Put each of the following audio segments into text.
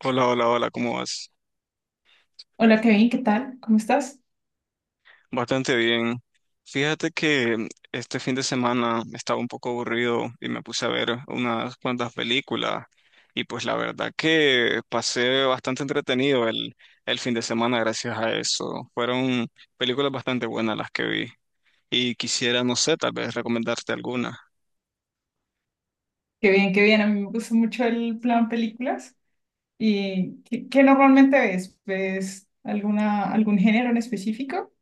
Hola, hola, hola, ¿cómo vas? Hola Kevin, ¿qué tal? ¿Cómo estás? Bastante bien. Fíjate que este fin de semana estaba un poco aburrido y me puse a ver unas cuantas películas y pues la verdad que pasé bastante entretenido el fin de semana gracias a eso. Fueron películas bastante buenas las que vi y quisiera, no sé, tal vez recomendarte alguna. Qué bien, qué bien. A mí me gusta mucho el plan películas. ¿Y qué normalmente ves? ¿Ves algún género en específico?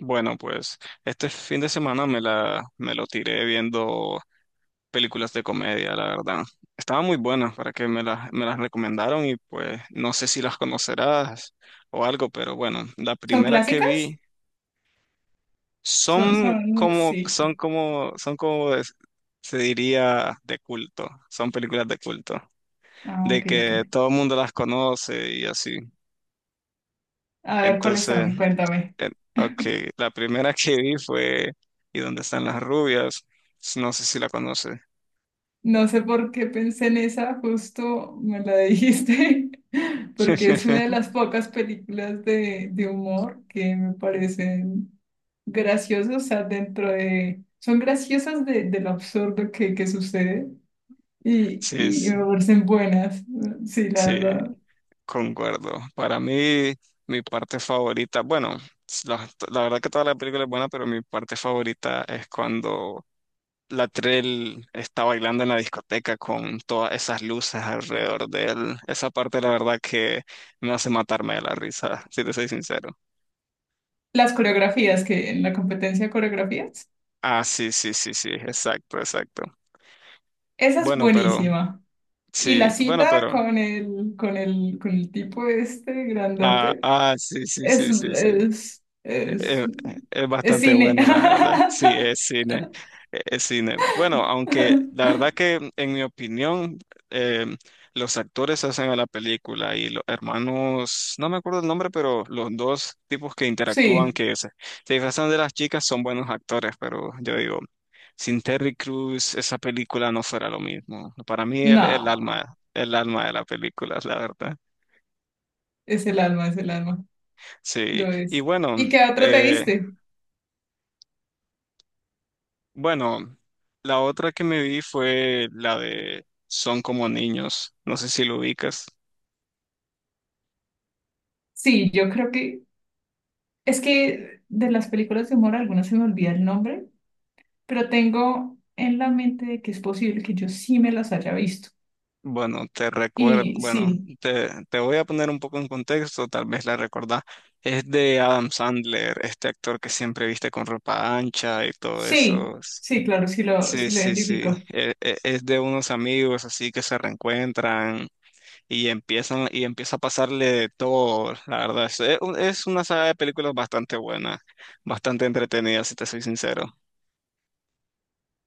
Bueno, pues este fin de semana me lo tiré viendo películas de comedia, la verdad. Estaban muy buenas para que me las recomendaron y pues no sé si las conocerás o algo, pero bueno, la ¿Son primera que clásicas? vi Son, son son, como, sí. son como, son como es- se diría, de culto, son películas de culto, Ah, de ok, ok. que todo el mundo las conoce y así. A ver, ¿cuáles Entonces, son? Cuéntame. eh, ok, la primera que vi fue ¿Y dónde están las rubias? No sé si la conoces. No sé por qué pensé en esa, justo me la dijiste, porque es una de las pocas películas de humor que me parecen graciosos, o sea, dentro de Son graciosas de lo absurdo que sucede Sí, y me sí, parecen buenas, sí, la sí. verdad. Concuerdo. Para mí, mi parte favorita, bueno, la verdad que toda la película es buena, pero mi parte favorita es cuando Latrell está bailando en la discoteca con todas esas luces alrededor de él. Esa parte, la verdad, que me hace matarme de la risa, si te soy sincero. Las coreografías que en la competencia de coreografías, Ah, sí, sí, sí, sí, exacto, exacto. esa es Bueno, pero, buenísima. Y la sí, bueno, cita pero, con el tipo este ah, grandote ah, sí, sí, es, sí, sí, sí. es, es, Eh, Es es bastante cine. bueno, la verdad. Sí, es cine. Es cine. Bueno, aunque la verdad que en mi opinión, eh, los actores hacen a la película y los hermanos, no me acuerdo el nombre, pero los dos tipos que interactúan, Sí, que se disfrazan de las chicas, son buenos actores, pero yo digo, sin Terry Crews, esa película no fuera lo mismo. Para mí, el no, alma, el alma de la película, la verdad. Es el alma, Sí. lo Y es. bueno. ¿Y qué otro te eh, viste? Bueno, la otra que me vi fue la de Son como niños. No sé si lo ubicas. Sí, yo creo que es que de las películas de humor algunas se me olvida el nombre, pero tengo en la mente de que es posible que yo sí me las haya visto. Bueno, te recuerdo, Y bueno, sí, te voy a poner un poco en contexto, tal vez la recordás. Es de Adam Sandler, este actor que siempre viste con ropa ancha y todo sí, eso. sí, claro, Sí, sí lo sí, sí. identifico. Es de unos amigos así que se reencuentran y empieza a pasarle de todo, la verdad. Es una saga de películas bastante buena, bastante entretenida, si te soy sincero.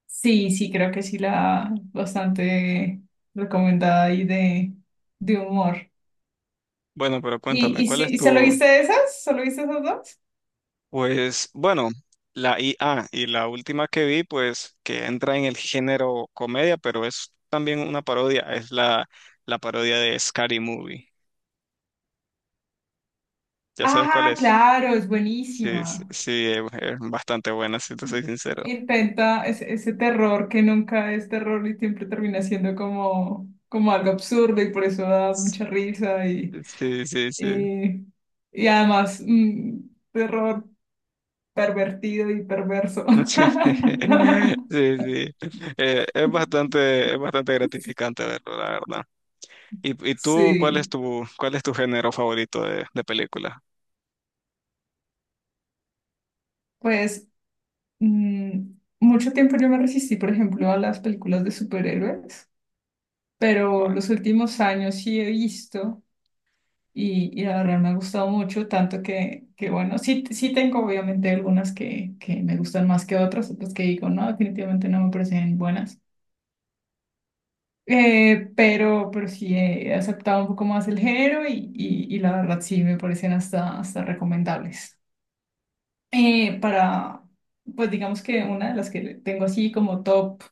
Sí, sí, creo que sí la bastante recomendada ahí de humor. Bueno, pero cuéntame, Y, sí, ¿y solo viste esas? ¿Solo viste esas dos? pues, bueno, la IA y la última que vi, pues, que entra en el género comedia, pero es también una parodia, es la parodia de Scary Movie. ¿Ya sabes cuál Ah, es? claro, es Sí, sí, buenísima. sí, es bastante buena, si te soy sincero. Intenta ese terror que nunca es terror y siempre termina siendo como, como algo absurdo y por eso da mucha risa Sí, sí, sí. y, y además un terror pervertido y perverso. Sí, sí. Es bastante, gratificante verlo, la verdad. ¿Y tú, cuál es Sí, tu, cuál es tu género favorito de película? pues mm, mucho tiempo yo me resistí, por ejemplo, a las películas de superhéroes, pero los últimos años sí he visto. Y la verdad me ha gustado mucho, tanto que bueno, sí, sí tengo obviamente algunas que me gustan más que otras, otras que digo, no, definitivamente no me parecen buenas. Pero sí he aceptado un poco más el género y la verdad sí me parecen hasta recomendables. Eh, para, pues digamos que una de las que tengo así como top,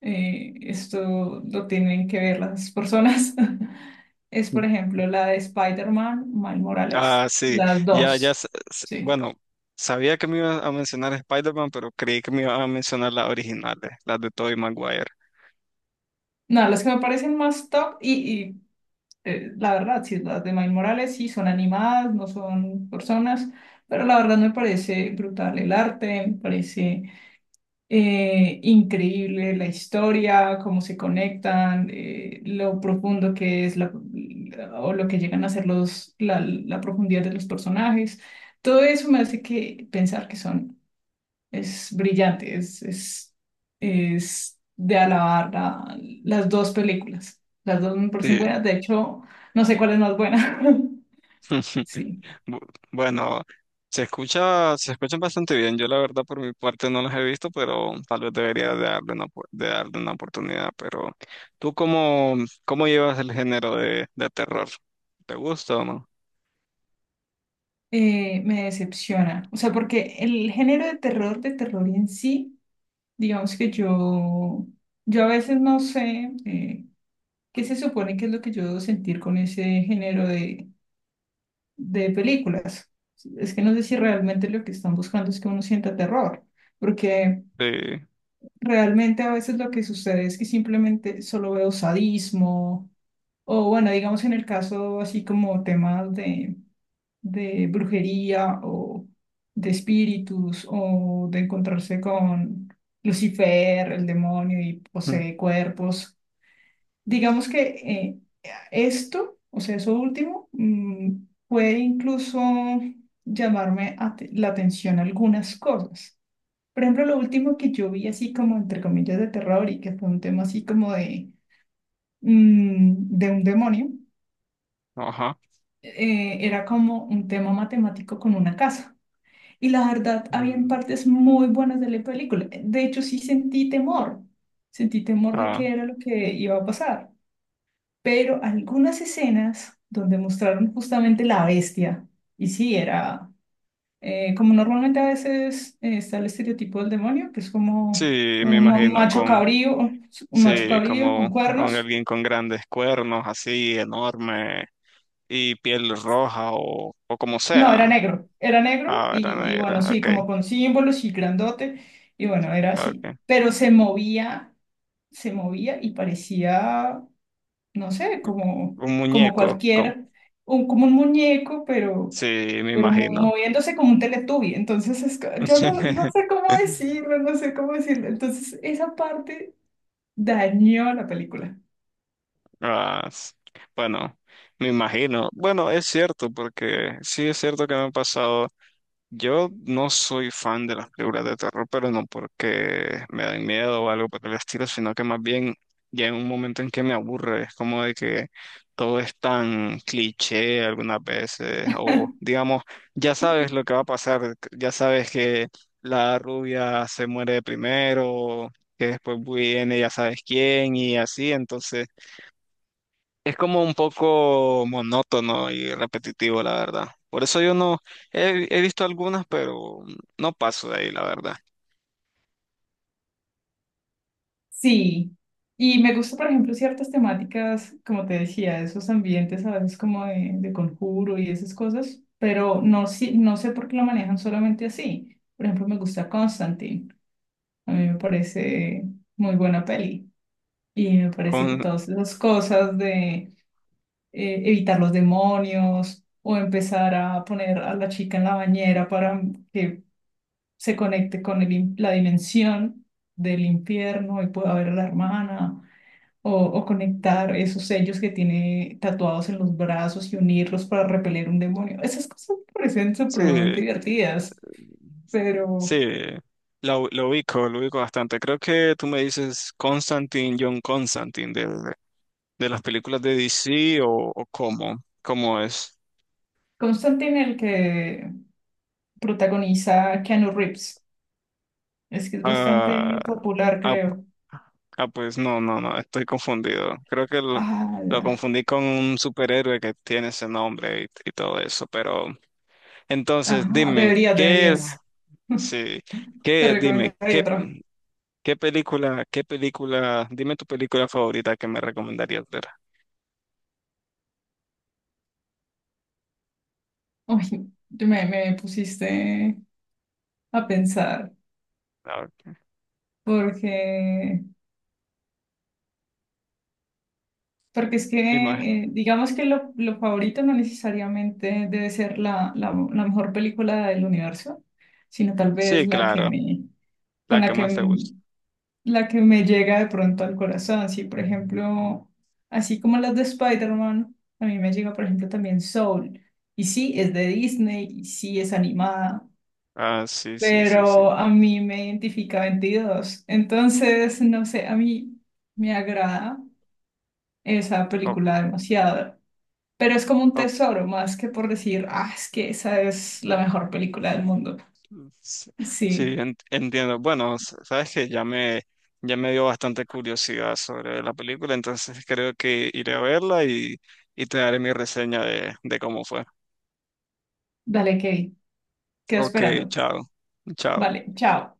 esto lo tienen que ver las personas, es por ejemplo la de Spider-Man, Miles Ah, Morales, sí, las ya, ya, dos, sí. bueno, sabía que me ibas a mencionar Spider-Man, pero creí que me ibas a mencionar las originales, las de Tobey Maguire. No, las que me parecen más top y, la verdad, sí, las de Miles Morales sí son animadas, no son personas, pero la verdad me parece brutal el arte, me parece increíble la historia, cómo se conectan, lo profundo que es o lo que llegan a ser la profundidad de los personajes. Todo eso me hace que pensar que son, es brillante, es de alabar las dos películas. Las dos me parecen buenas, de hecho, no sé cuál es más buena. Sí. Bu- Bueno, se escuchan bastante bien. Yo la verdad por mi parte no los he visto, pero tal vez debería de darle una oportunidad. Pero ¿tú cómo llevas el género de terror? ¿Te gusta o no? Me decepciona. O sea, porque el género de terror en sí, digamos que yo a veces no sé qué se supone que es lo que yo debo sentir con ese género de películas. Es que no sé si realmente lo que están buscando es que uno sienta terror, porque Sí. realmente a veces lo que sucede es que simplemente solo veo sadismo, o bueno, digamos en el caso así como temas de brujería o de espíritus o de encontrarse con Lucifer, el demonio y Mm. posee cuerpos. Digamos que esto, o sea, eso último, puede incluso llamarme la atención algunas cosas. Por ejemplo, lo último que yo vi así como entre comillas de terror y que fue un tema así como mm, de un demonio, Ajá. Era como un tema matemático con una casa. Y la verdad, habían Mm, partes muy buenas de la película. De hecho, sí sentí temor. Sentí temor de qué ah, era lo que iba a pasar. Pero algunas escenas donde mostraron justamente la bestia, y sí, era como normalmente a veces está el estereotipo del demonio, que es como sí, me un imagino macho cabrío, un macho sí, cabrío con como con cuernos. alguien con grandes cuernos, así enorme y piel roja o como No, sea. Era negro Ah, era y bueno, negra. sí, Ok, como con símbolos y grandote, y bueno, era así. ok. Pero se movía y parecía, no sé, como, Un como muñeco. cualquier, como un muñeco, Sí, me pero imagino. moviéndose como un teletubi. Entonces, yo no, no sé cómo decirlo, no sé cómo decirlo. Entonces, esa parte dañó la película. Ah, bueno, me imagino. Bueno, es cierto, porque sí es cierto que me han pasado. Yo no soy fan de las películas de terror, pero no porque me dan miedo o algo por el estilo, sino que más bien ya en un momento en que me aburre, es como de que todo es tan cliché algunas veces, o digamos, ya sabes lo que va a pasar, ya sabes que la rubia se muere primero, que después viene ya sabes quién y así, entonces es como un poco monótono y repetitivo, la verdad. Por eso yo no he visto algunas, pero no paso de ahí, la verdad. Sí. Y me gusta, por ejemplo, ciertas temáticas, como te decía, esos ambientes a veces como de conjuro y esas cosas, pero no, si no sé por qué lo manejan solamente así. Por ejemplo, me gusta Constantine. A mí me parece muy buena peli. Y me parece que Con, todas esas cosas de evitar los demonios o empezar a poner a la chica en la bañera para que se conecte con la dimensión del infierno y pueda ver a la hermana. O, o conectar esos sellos que tiene tatuados en los brazos y unirlos para repeler un demonio. Esas cosas me parecen sí, supremamente divertidas, pero sí, lo ubico, lo ubico bastante. Creo que tú me dices Constantine, John Constantine, de las películas de DC o cómo es. Constantine, el que protagoniza Keanu Reeves, es que es Ah, bastante popular, ah, creo. ah, pues no, no, no, estoy confundido. Creo que lo, Ah, lo ya. confundí con un superhéroe que tiene ese nombre y todo eso. Pero entonces, Ajá, dime, deberías, deberías. sí, Te qué, dime, recomendaría qué, otra. Qué película, ¿dime tu película favorita que me recomendarías ver? Uy, me pusiste a pensar, A ver, porque, porque es dime. que, eh, digamos que lo favorito no necesariamente debe ser la mejor película del universo, sino tal vez Sí, la que claro, me, con la que más te gusta. la que me llega de pronto al corazón. Sí, por ejemplo, así como las de Spider-Man, a mí me llega, por ejemplo, también Soul. Y sí, es de Disney y sí es animada, Ah, sí, sí, sí, sí. pero a mí me identifica 22. Entonces, no sé, a mí me agrada esa película demasiado. Pero es como un O- tesoro, más que por decir, ah, es que esa es la mejor película del mundo. Sí, sí, Sí, entiendo. Bueno, sabes que ya me dio bastante curiosidad sobre la película, entonces creo que iré a verla y te daré mi reseña de cómo fue. dale, Kevin, quedo Ok, esperando. chao. Chao. Vale, chao.